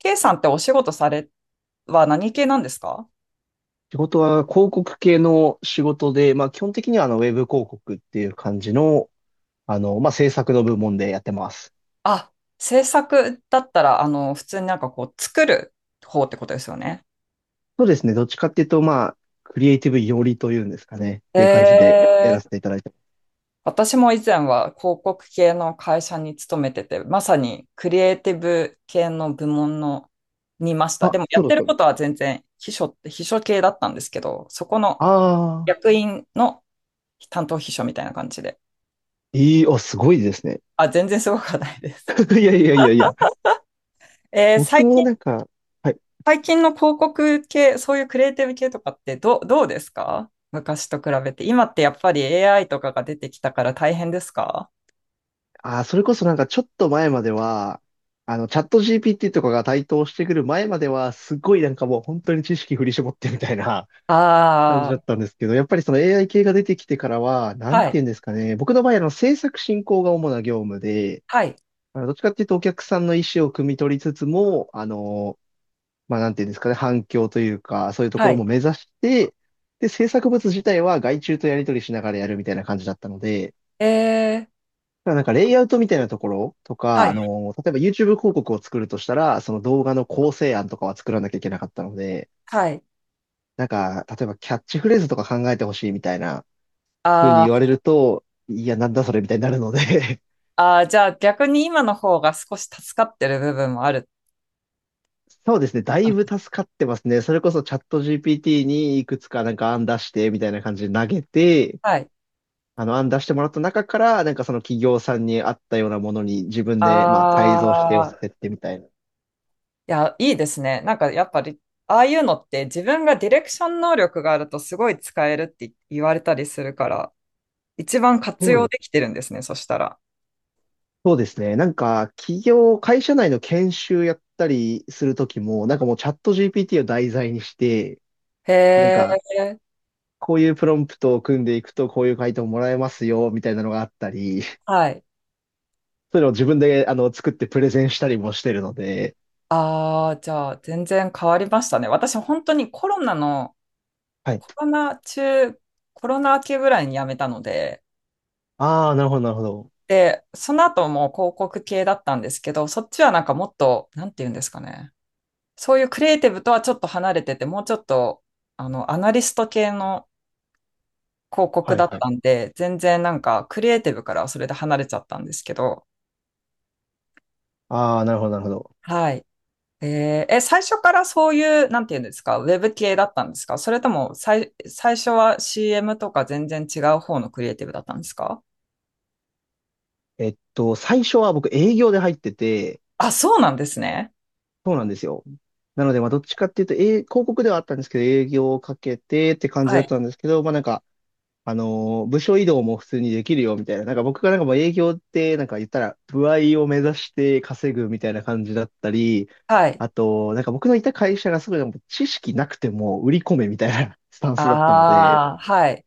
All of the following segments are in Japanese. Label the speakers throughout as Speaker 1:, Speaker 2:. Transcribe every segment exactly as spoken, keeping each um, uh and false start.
Speaker 1: K さんってお仕事されは何系なんですか？
Speaker 2: 仕事は広告系の仕事で、まあ基本的にはあのウェブ広告っていう感じの、あの、まあ制作の部門でやってます。
Speaker 1: あ、制作だったら、あの、普通になんかこう、作る方ってことですよね。
Speaker 2: そうですね。どっちかっていうと、まあ、クリエイティブ寄りというんですかね。っ
Speaker 1: え
Speaker 2: ていう感じでやらせ
Speaker 1: ー、
Speaker 2: ていただいてます。
Speaker 1: 私も以前は広告系の会社に勤めてて、まさにクリエイティブ系の部門のにいました。
Speaker 2: あ、
Speaker 1: でもや
Speaker 2: そ
Speaker 1: っ
Speaker 2: うだ
Speaker 1: て
Speaker 2: っ
Speaker 1: る
Speaker 2: たん
Speaker 1: こ
Speaker 2: です。
Speaker 1: とは全然秘書って秘書系だったんですけど、そこの
Speaker 2: ああ、
Speaker 1: 役員の担当秘書みたいな感じで。
Speaker 2: いい、あ、すごいですね。
Speaker 1: あ、全然すごくはないです。
Speaker 2: いやいやいやいや。
Speaker 1: えー、
Speaker 2: 僕
Speaker 1: 最近
Speaker 2: もなんか、はい。
Speaker 1: 最近の広告系、そういうクリエイティブ系とかってどう、どうですか昔と比べて。今ってやっぱり エーアイ とかが出てきたから大変ですか？
Speaker 2: あー、それこそなんかちょっと前までは、あの、チャット ジーピーティー とかが台頭してくる前までは、すごいなんかもう本当に知識振り絞ってみたいな感じ
Speaker 1: あ
Speaker 2: だ
Speaker 1: あ
Speaker 2: っ
Speaker 1: ー、
Speaker 2: たんですけど、やっぱりその エーアイ 系が出てきてからは、なん
Speaker 1: は
Speaker 2: て言う
Speaker 1: い、
Speaker 2: んですかね。僕の場合、あの、制作進行が主な業務で、
Speaker 1: はい、
Speaker 2: あのどっちかっていうとお客さんの意思を汲み取りつつも、あの、まあ、なんて言うんですかね、反響というか、そういうとこ
Speaker 1: は
Speaker 2: ろ
Speaker 1: い。
Speaker 2: も目指して、で、制作物自体は外注とやり取りしながらやるみたいな感じだったので、
Speaker 1: えー、
Speaker 2: だからなんかレイアウトみたいなところと
Speaker 1: は
Speaker 2: か、あ
Speaker 1: い、
Speaker 2: の、例えば YouTube 広告を作るとしたら、その動画の構成案とかは作らなきゃいけなかったので、
Speaker 1: はい。
Speaker 2: なんか、例えばキャッチフレーズとか考えてほしいみたいな、ふうに
Speaker 1: あ
Speaker 2: 言われ
Speaker 1: ー、
Speaker 2: ると、いや、なんだそれみたいになるので
Speaker 1: あー、じゃあ逆に今の方が少し助かってる部分もある。
Speaker 2: そうですね。だいぶ
Speaker 1: あ、
Speaker 2: 助かってますね。それこそチャット ジーピーティー にいくつかなんか案出してみたいな感じで投げて、
Speaker 1: はい。
Speaker 2: あの案出してもらった中から、なんかその企業さんに合ったようなものに自分
Speaker 1: あ
Speaker 2: でまあ改造して寄せ
Speaker 1: あ、
Speaker 2: てってみたいな。
Speaker 1: いや、いいですね。なんかやっぱり、ああいうのって自分がディレクション能力があるとすごい使えるって言われたりするから、一番活
Speaker 2: そう
Speaker 1: 用
Speaker 2: で
Speaker 1: でき
Speaker 2: す
Speaker 1: てるんですね、そしたら。
Speaker 2: そうですね。なんか企業、会社内の研修やったりするときも、なんかもうチャット ジーピーティー を題材にして、
Speaker 1: へ
Speaker 2: なんか
Speaker 1: え、
Speaker 2: こういうプロンプトを組んでいくとこういう回答もらえますよみたいなのがあったり、
Speaker 1: はい。
Speaker 2: それを自分で、あの、作ってプレゼンしたりもしてるので、
Speaker 1: ああ、じゃあ、全然変わりましたね。私、本当にコロナの、
Speaker 2: はい。
Speaker 1: コロナ中、コロナ明けぐらいに辞めたので、
Speaker 2: ああ、なるほど、なるほど。
Speaker 1: で、その後もう広告系だったんですけど、そっちはなんかもっと、なんて言うんですかね。そういうクリエイティブとはちょっと離れてて、もうちょっと、あの、アナリスト系の広告
Speaker 2: は
Speaker 1: だ
Speaker 2: い、
Speaker 1: っ
Speaker 2: はい。
Speaker 1: たんで、全然なんかクリエイティブからはそれで離れちゃったんですけど、
Speaker 2: ああ、なるほど、なるほど。
Speaker 1: はい。えーえ、最初からそういう、なんていうんですか、ウェブ系だったんですか？それとも、最、最初は シーエム とか全然違う方のクリエイティブだったんですか？
Speaker 2: えっと、最初は僕営業で入ってて、
Speaker 1: あ、そうなんですね。
Speaker 2: そうなんですよ。なので、まあ、どっちかっていうと、えー広告ではあったんですけど、営業をかけてって感じ
Speaker 1: は
Speaker 2: だっ
Speaker 1: い。
Speaker 2: たんですけど、まあ、なんか、あのー、部署移動も普通にできるよみたいな。なんか僕がなんかもう営業ってなんか言ったら歩合を目指して稼ぐみたいな感じだったり、
Speaker 1: はい。
Speaker 2: あと、なんか僕のいた会社がすごいなんか知識なくても売り込めみたいな スタンスだったので、
Speaker 1: ああ、はい。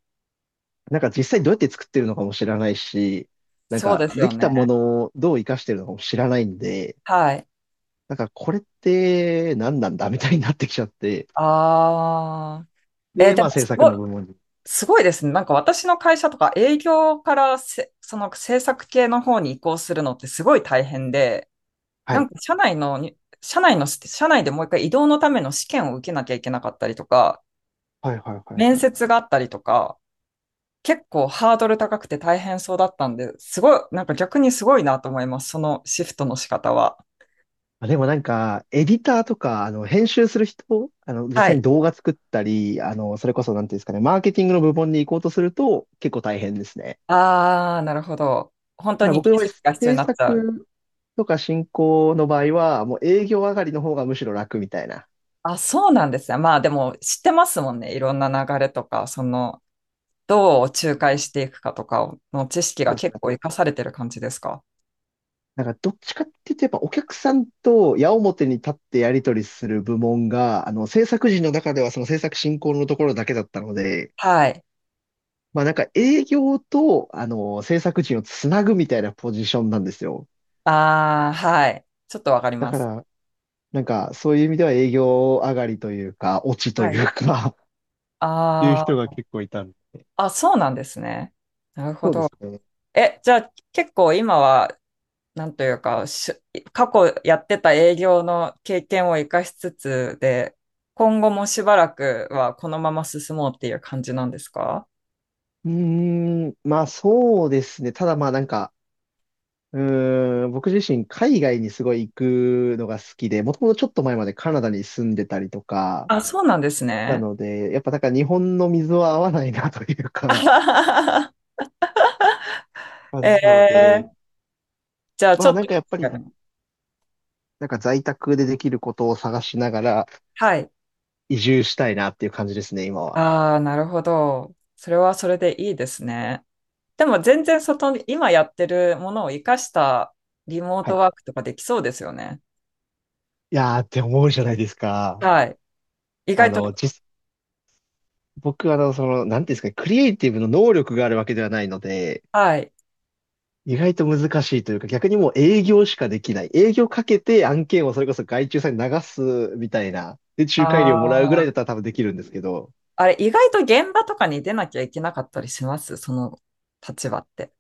Speaker 2: なんか実際どうやって作ってるのかも知らないし、なん
Speaker 1: そう
Speaker 2: か
Speaker 1: です
Speaker 2: で
Speaker 1: よ
Speaker 2: きたも
Speaker 1: ね。
Speaker 2: のをどう活かしてるのかも知らないんで、
Speaker 1: はい。
Speaker 2: なんかこれって何なんだみたいになってきちゃって、
Speaker 1: ああ。えー
Speaker 2: で、
Speaker 1: で
Speaker 2: まあ
Speaker 1: も、
Speaker 2: 制
Speaker 1: す
Speaker 2: 作
Speaker 1: ごい、
Speaker 2: の部門に。
Speaker 1: すごいですね。なんか私の会社とか営業からせ、その制作系の方に移行するのってすごい大変で、
Speaker 2: は
Speaker 1: なん
Speaker 2: い。
Speaker 1: か社内のに、社内の、社内でもう一回移動のための試験を受けなきゃいけなかったりとか、
Speaker 2: はいはいはい
Speaker 1: 面
Speaker 2: はい。
Speaker 1: 接があったりとか、結構ハードル高くて大変そうだったんで、すごい、なんか逆にすごいなと思います。そのシフトの仕方は。
Speaker 2: あ、でもなんか、エディターとか、あの、編集する人、あの、実
Speaker 1: は
Speaker 2: 際に
Speaker 1: い。
Speaker 2: 動画作ったり、あの、それこそ、なんていうんですかね、マーケティングの部門に行こうとすると、結構大変ですね。
Speaker 1: あー、なるほど。本当
Speaker 2: ただ
Speaker 1: に技
Speaker 2: 僕の場合、
Speaker 1: 術が必要に
Speaker 2: 制
Speaker 1: なっちゃう。
Speaker 2: 作とか進行の場合は、もう営業上がりの方がむしろ楽みたいな。
Speaker 1: あ、そうなんですね。まあでも知ってますもんね。いろんな流れとか、その、どう仲介していくかとかの知識
Speaker 2: そ
Speaker 1: が
Speaker 2: うですね
Speaker 1: 結
Speaker 2: あ
Speaker 1: 構活
Speaker 2: と、
Speaker 1: かされてる感じですか？
Speaker 2: なんかどっちかっていうと、やっぱお客さんと矢面に立ってやり取りする部門が、あの、制作陣の中ではその制作進行のところだけだったので、
Speaker 1: はい。
Speaker 2: まあなんか営業と、あの、制作陣をつなぐみたいなポジションなんですよ。
Speaker 1: ああ、はい。ちょっとわかり
Speaker 2: だ
Speaker 1: ま
Speaker 2: か
Speaker 1: す。
Speaker 2: ら、なんかそういう意味では営業上がりというか、落ちと
Speaker 1: は
Speaker 2: い
Speaker 1: い。
Speaker 2: うか っていう
Speaker 1: あ
Speaker 2: 人が
Speaker 1: ー、
Speaker 2: 結構いたんで
Speaker 1: あ、そうなんですね。なるほ
Speaker 2: そうで
Speaker 1: ど。
Speaker 2: すね。
Speaker 1: え、じゃあ結構今は、なんというか、し過去やってた営業の経験を生かしつつで、今後もしばらくはこのまま進もうっていう感じなんですか？
Speaker 2: うーん、まあそうですね。ただまあなんか、うーん、僕自身海外にすごい行くのが好きで、もともとちょっと前までカナダに住んでたりとか、
Speaker 1: あ、そうなんです
Speaker 2: な
Speaker 1: ね。
Speaker 2: ので、やっぱなんか日本の水は合わないなという
Speaker 1: あ
Speaker 2: か、
Speaker 1: ははは
Speaker 2: 感
Speaker 1: え
Speaker 2: じなので、
Speaker 1: ー、じゃあち
Speaker 2: ま
Speaker 1: ょ
Speaker 2: あ
Speaker 1: っ
Speaker 2: なんか
Speaker 1: と、
Speaker 2: やっぱりなんか在宅でできることを探しながら
Speaker 1: はい。
Speaker 2: 移住したいなっていう感じですね、今は。
Speaker 1: ああ、なるほど。それはそれでいいですね。でも全然外に、今やってるものを活かしたリモー
Speaker 2: は
Speaker 1: ト
Speaker 2: い。
Speaker 1: ワークとかできそうですよね。
Speaker 2: いやーって思うじゃないですか。
Speaker 1: はい。意
Speaker 2: あ
Speaker 1: 外
Speaker 2: の、
Speaker 1: と、
Speaker 2: 実、僕あの、その、なんていうんですかね、クリエイティブの能力があるわけではないので、
Speaker 1: はい。
Speaker 2: 意外と難しいというか、逆にもう営業しかできない。営業かけて案件をそれこそ外注さんに流すみたいな。で、
Speaker 1: あ
Speaker 2: 仲介料もらうぐらいだっ
Speaker 1: あ。
Speaker 2: たら多分できるんですけど。
Speaker 1: あれ、意外と現場とかに出なきゃいけなかったりしますその立場って？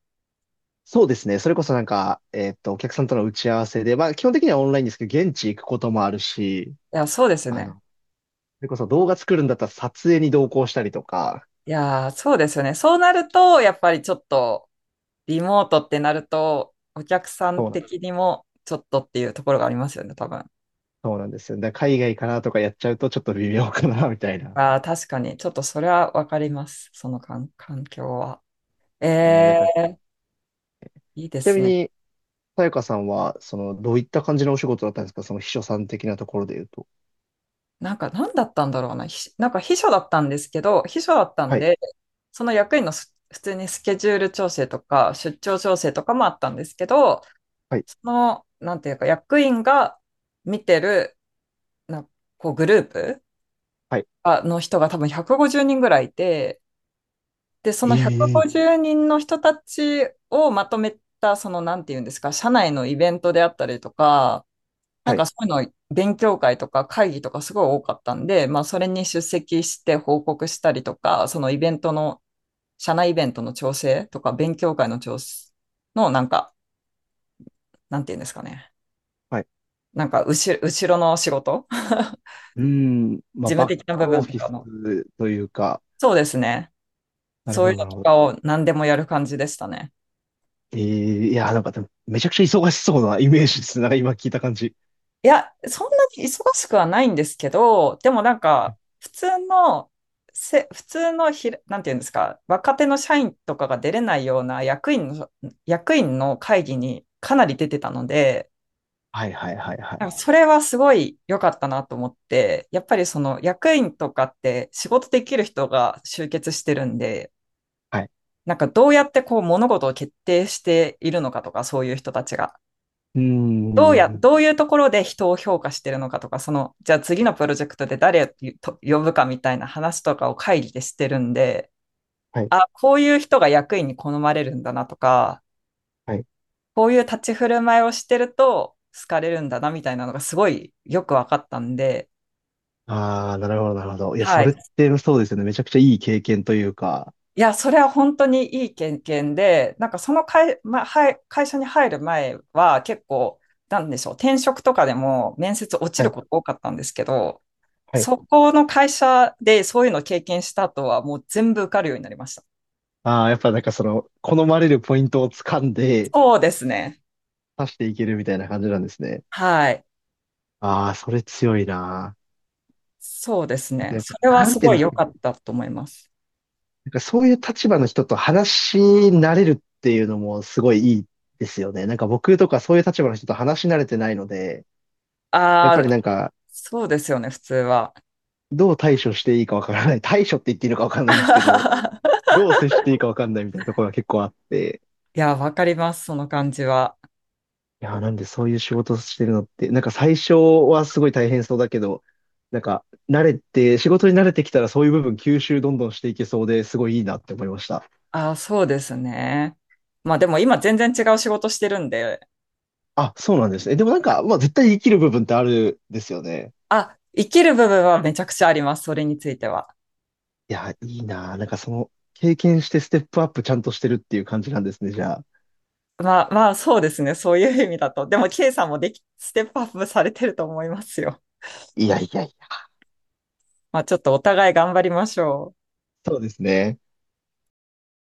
Speaker 2: そうですね。それこそなんか、えーっと、お客さんとの打ち合わせで、まあ基本的にはオンラインですけど、現地行くこともあるし、
Speaker 1: いや、そうですよ
Speaker 2: あの、
Speaker 1: ね。
Speaker 2: それこそ動画作るんだったら撮影に同行したりとか、
Speaker 1: いやー、そうですよね。そうなると、やっぱりちょっと、リモートってなると、お客さん
Speaker 2: そうなん、
Speaker 1: 的にも、ちょっとっていうところがありますよね、多分。
Speaker 2: そうなんですよ。だから海外かなとかやっちゃうとちょっと微妙かな、みたいな。
Speaker 1: ああ、確かに。ちょっとそれはわかります。その環環境は。え
Speaker 2: ね、だから、ち
Speaker 1: え、いいで
Speaker 2: な
Speaker 1: す
Speaker 2: み
Speaker 1: ね。
Speaker 2: に、さやかさんは、その、どういった感じのお仕事だったんですかその秘書さん的なところで言うと。
Speaker 1: なんか何だったんだろうな。ひなんか秘書だったんですけど、秘書だったん
Speaker 2: はい、
Speaker 1: で、その役員のす普通にスケジュール調整とか出張調整とかもあったんですけど、
Speaker 2: はい、
Speaker 1: その、なんていうか役員が見てる、なこうグループ
Speaker 2: はい。
Speaker 1: あの人が多分ひゃくごじゅうにんぐらいいて、で、そ
Speaker 2: え
Speaker 1: の
Speaker 2: え、
Speaker 1: ひゃくごじゅうにんの人たちをまとめた、その、なんていうんですか、社内のイベントであったりとか、なん
Speaker 2: は
Speaker 1: か
Speaker 2: い、
Speaker 1: そういうの勉強会とか会議とかすごい多かったんで、まあそれに出席して報告したりとか、そのイベントの、社内イベントの調整とか、勉強会の調整のなんか、なんていうんですかね。
Speaker 2: はい。
Speaker 1: なんか後ろ、後ろの仕事。
Speaker 2: うーん、まあ、
Speaker 1: 事務
Speaker 2: バッ
Speaker 1: 的な部
Speaker 2: クオ
Speaker 1: 分
Speaker 2: フ
Speaker 1: と
Speaker 2: ィ
Speaker 1: か
Speaker 2: ス
Speaker 1: の。
Speaker 2: というか、
Speaker 1: そうですね。
Speaker 2: なる
Speaker 1: そ
Speaker 2: ほ
Speaker 1: うい
Speaker 2: ど、
Speaker 1: う
Speaker 2: な
Speaker 1: の
Speaker 2: る
Speaker 1: と
Speaker 2: ほど。
Speaker 1: かを何でもやる感じでしたね。
Speaker 2: ええ、いや、なんかでも、めちゃくちゃ忙しそうなイメージですね。なんか今聞いた感じ。
Speaker 1: いや、そんなに忙しくはないんですけど、でもなんか、普通の、せ、普通のひら、なんていうんですか、若手の社員とかが出れないような役員の、役員の会議にかなり出てたので、
Speaker 2: はい、はい、はい、は
Speaker 1: なんか
Speaker 2: い。
Speaker 1: それはすごい良かったなと思って、やっぱりその役員とかって仕事できる人が集結してるんで、
Speaker 2: はい。
Speaker 1: なんかどうやってこう物事を決定しているのかとか、そういう人たちが。
Speaker 2: うー
Speaker 1: どうや、
Speaker 2: ん、
Speaker 1: どういうところで人を評価してるのかとか、その、じゃあ次のプロジェクトで誰をと呼ぶかみたいな話とかを会議でしてるんで、
Speaker 2: はい、
Speaker 1: あ、こういう人が役員に好まれるんだなとか、
Speaker 2: はい。
Speaker 1: こういう立ち振る舞いをしてると好かれるんだなみたいなのがすごいよく分かったんで、
Speaker 2: ああ、なるほど、なるほど。いや、
Speaker 1: は
Speaker 2: それっ
Speaker 1: い。
Speaker 2: てそうですよね。めちゃくちゃいい経験というか、
Speaker 1: いや、それは本当にいい経験で、なんかその会、ま、はい会社に入る前は結構、なんでしょう、転職とかでも面接落ち
Speaker 2: は
Speaker 1: る
Speaker 2: い、
Speaker 1: こと多かったんですけど、
Speaker 2: はい、
Speaker 1: そこの会社でそういうのを経験した後はもう全部受かるようになりました。
Speaker 2: ああ、やっぱなんかその、好まれるポイントを掴んで、
Speaker 1: そうですね。
Speaker 2: 刺していけるみたいな感じなんですね。
Speaker 1: はい。
Speaker 2: ああ、それ強いな。
Speaker 1: そうです
Speaker 2: あ
Speaker 1: ね。
Speaker 2: とやっ
Speaker 1: それは
Speaker 2: ぱ、なん
Speaker 1: す
Speaker 2: ていう
Speaker 1: ご
Speaker 2: ん
Speaker 1: い
Speaker 2: です
Speaker 1: 良
Speaker 2: か。
Speaker 1: かったと思います。
Speaker 2: なんかそういう立場の人と話し慣れるっていうのもすごいいいですよね。なんか僕とかそういう立場の人と話し慣れてないので、やっぱ
Speaker 1: あ
Speaker 2: り
Speaker 1: あ、
Speaker 2: なんか、
Speaker 1: そうですよね、普通は。
Speaker 2: どう対処していいかわからない。対処って言っていいのかわかんないんですけど、どう接していいかわかんないみたいなところが結構あって、
Speaker 1: いや、わかります、その感じは。
Speaker 2: いやー、なんでそういう仕事してるのって、なんか最初はすごい大変そうだけど、なんか慣れて、仕事に慣れてきたらそういう部分吸収どんどんしていけそうですごいいいなって思いました。
Speaker 1: ああ、そうですね。まあでも今全然違う仕事してるんで、
Speaker 2: あ、そうなんですね。でもなんか、まあ絶対生きる部分ってあるですよね。
Speaker 1: あ、生きる部分はめちゃくちゃあります、それについては。
Speaker 2: いや、いいなー。なんかその経験してステップアップちゃんとしてるっていう感じなんですね、じゃあ。
Speaker 1: まあまあ、そうですね、そういう意味だと。でも、K さんもでき、ステップアップされてると思いますよ。
Speaker 2: いやいやいや。
Speaker 1: まあちょっとお互い頑張りましょう。
Speaker 2: そうですね。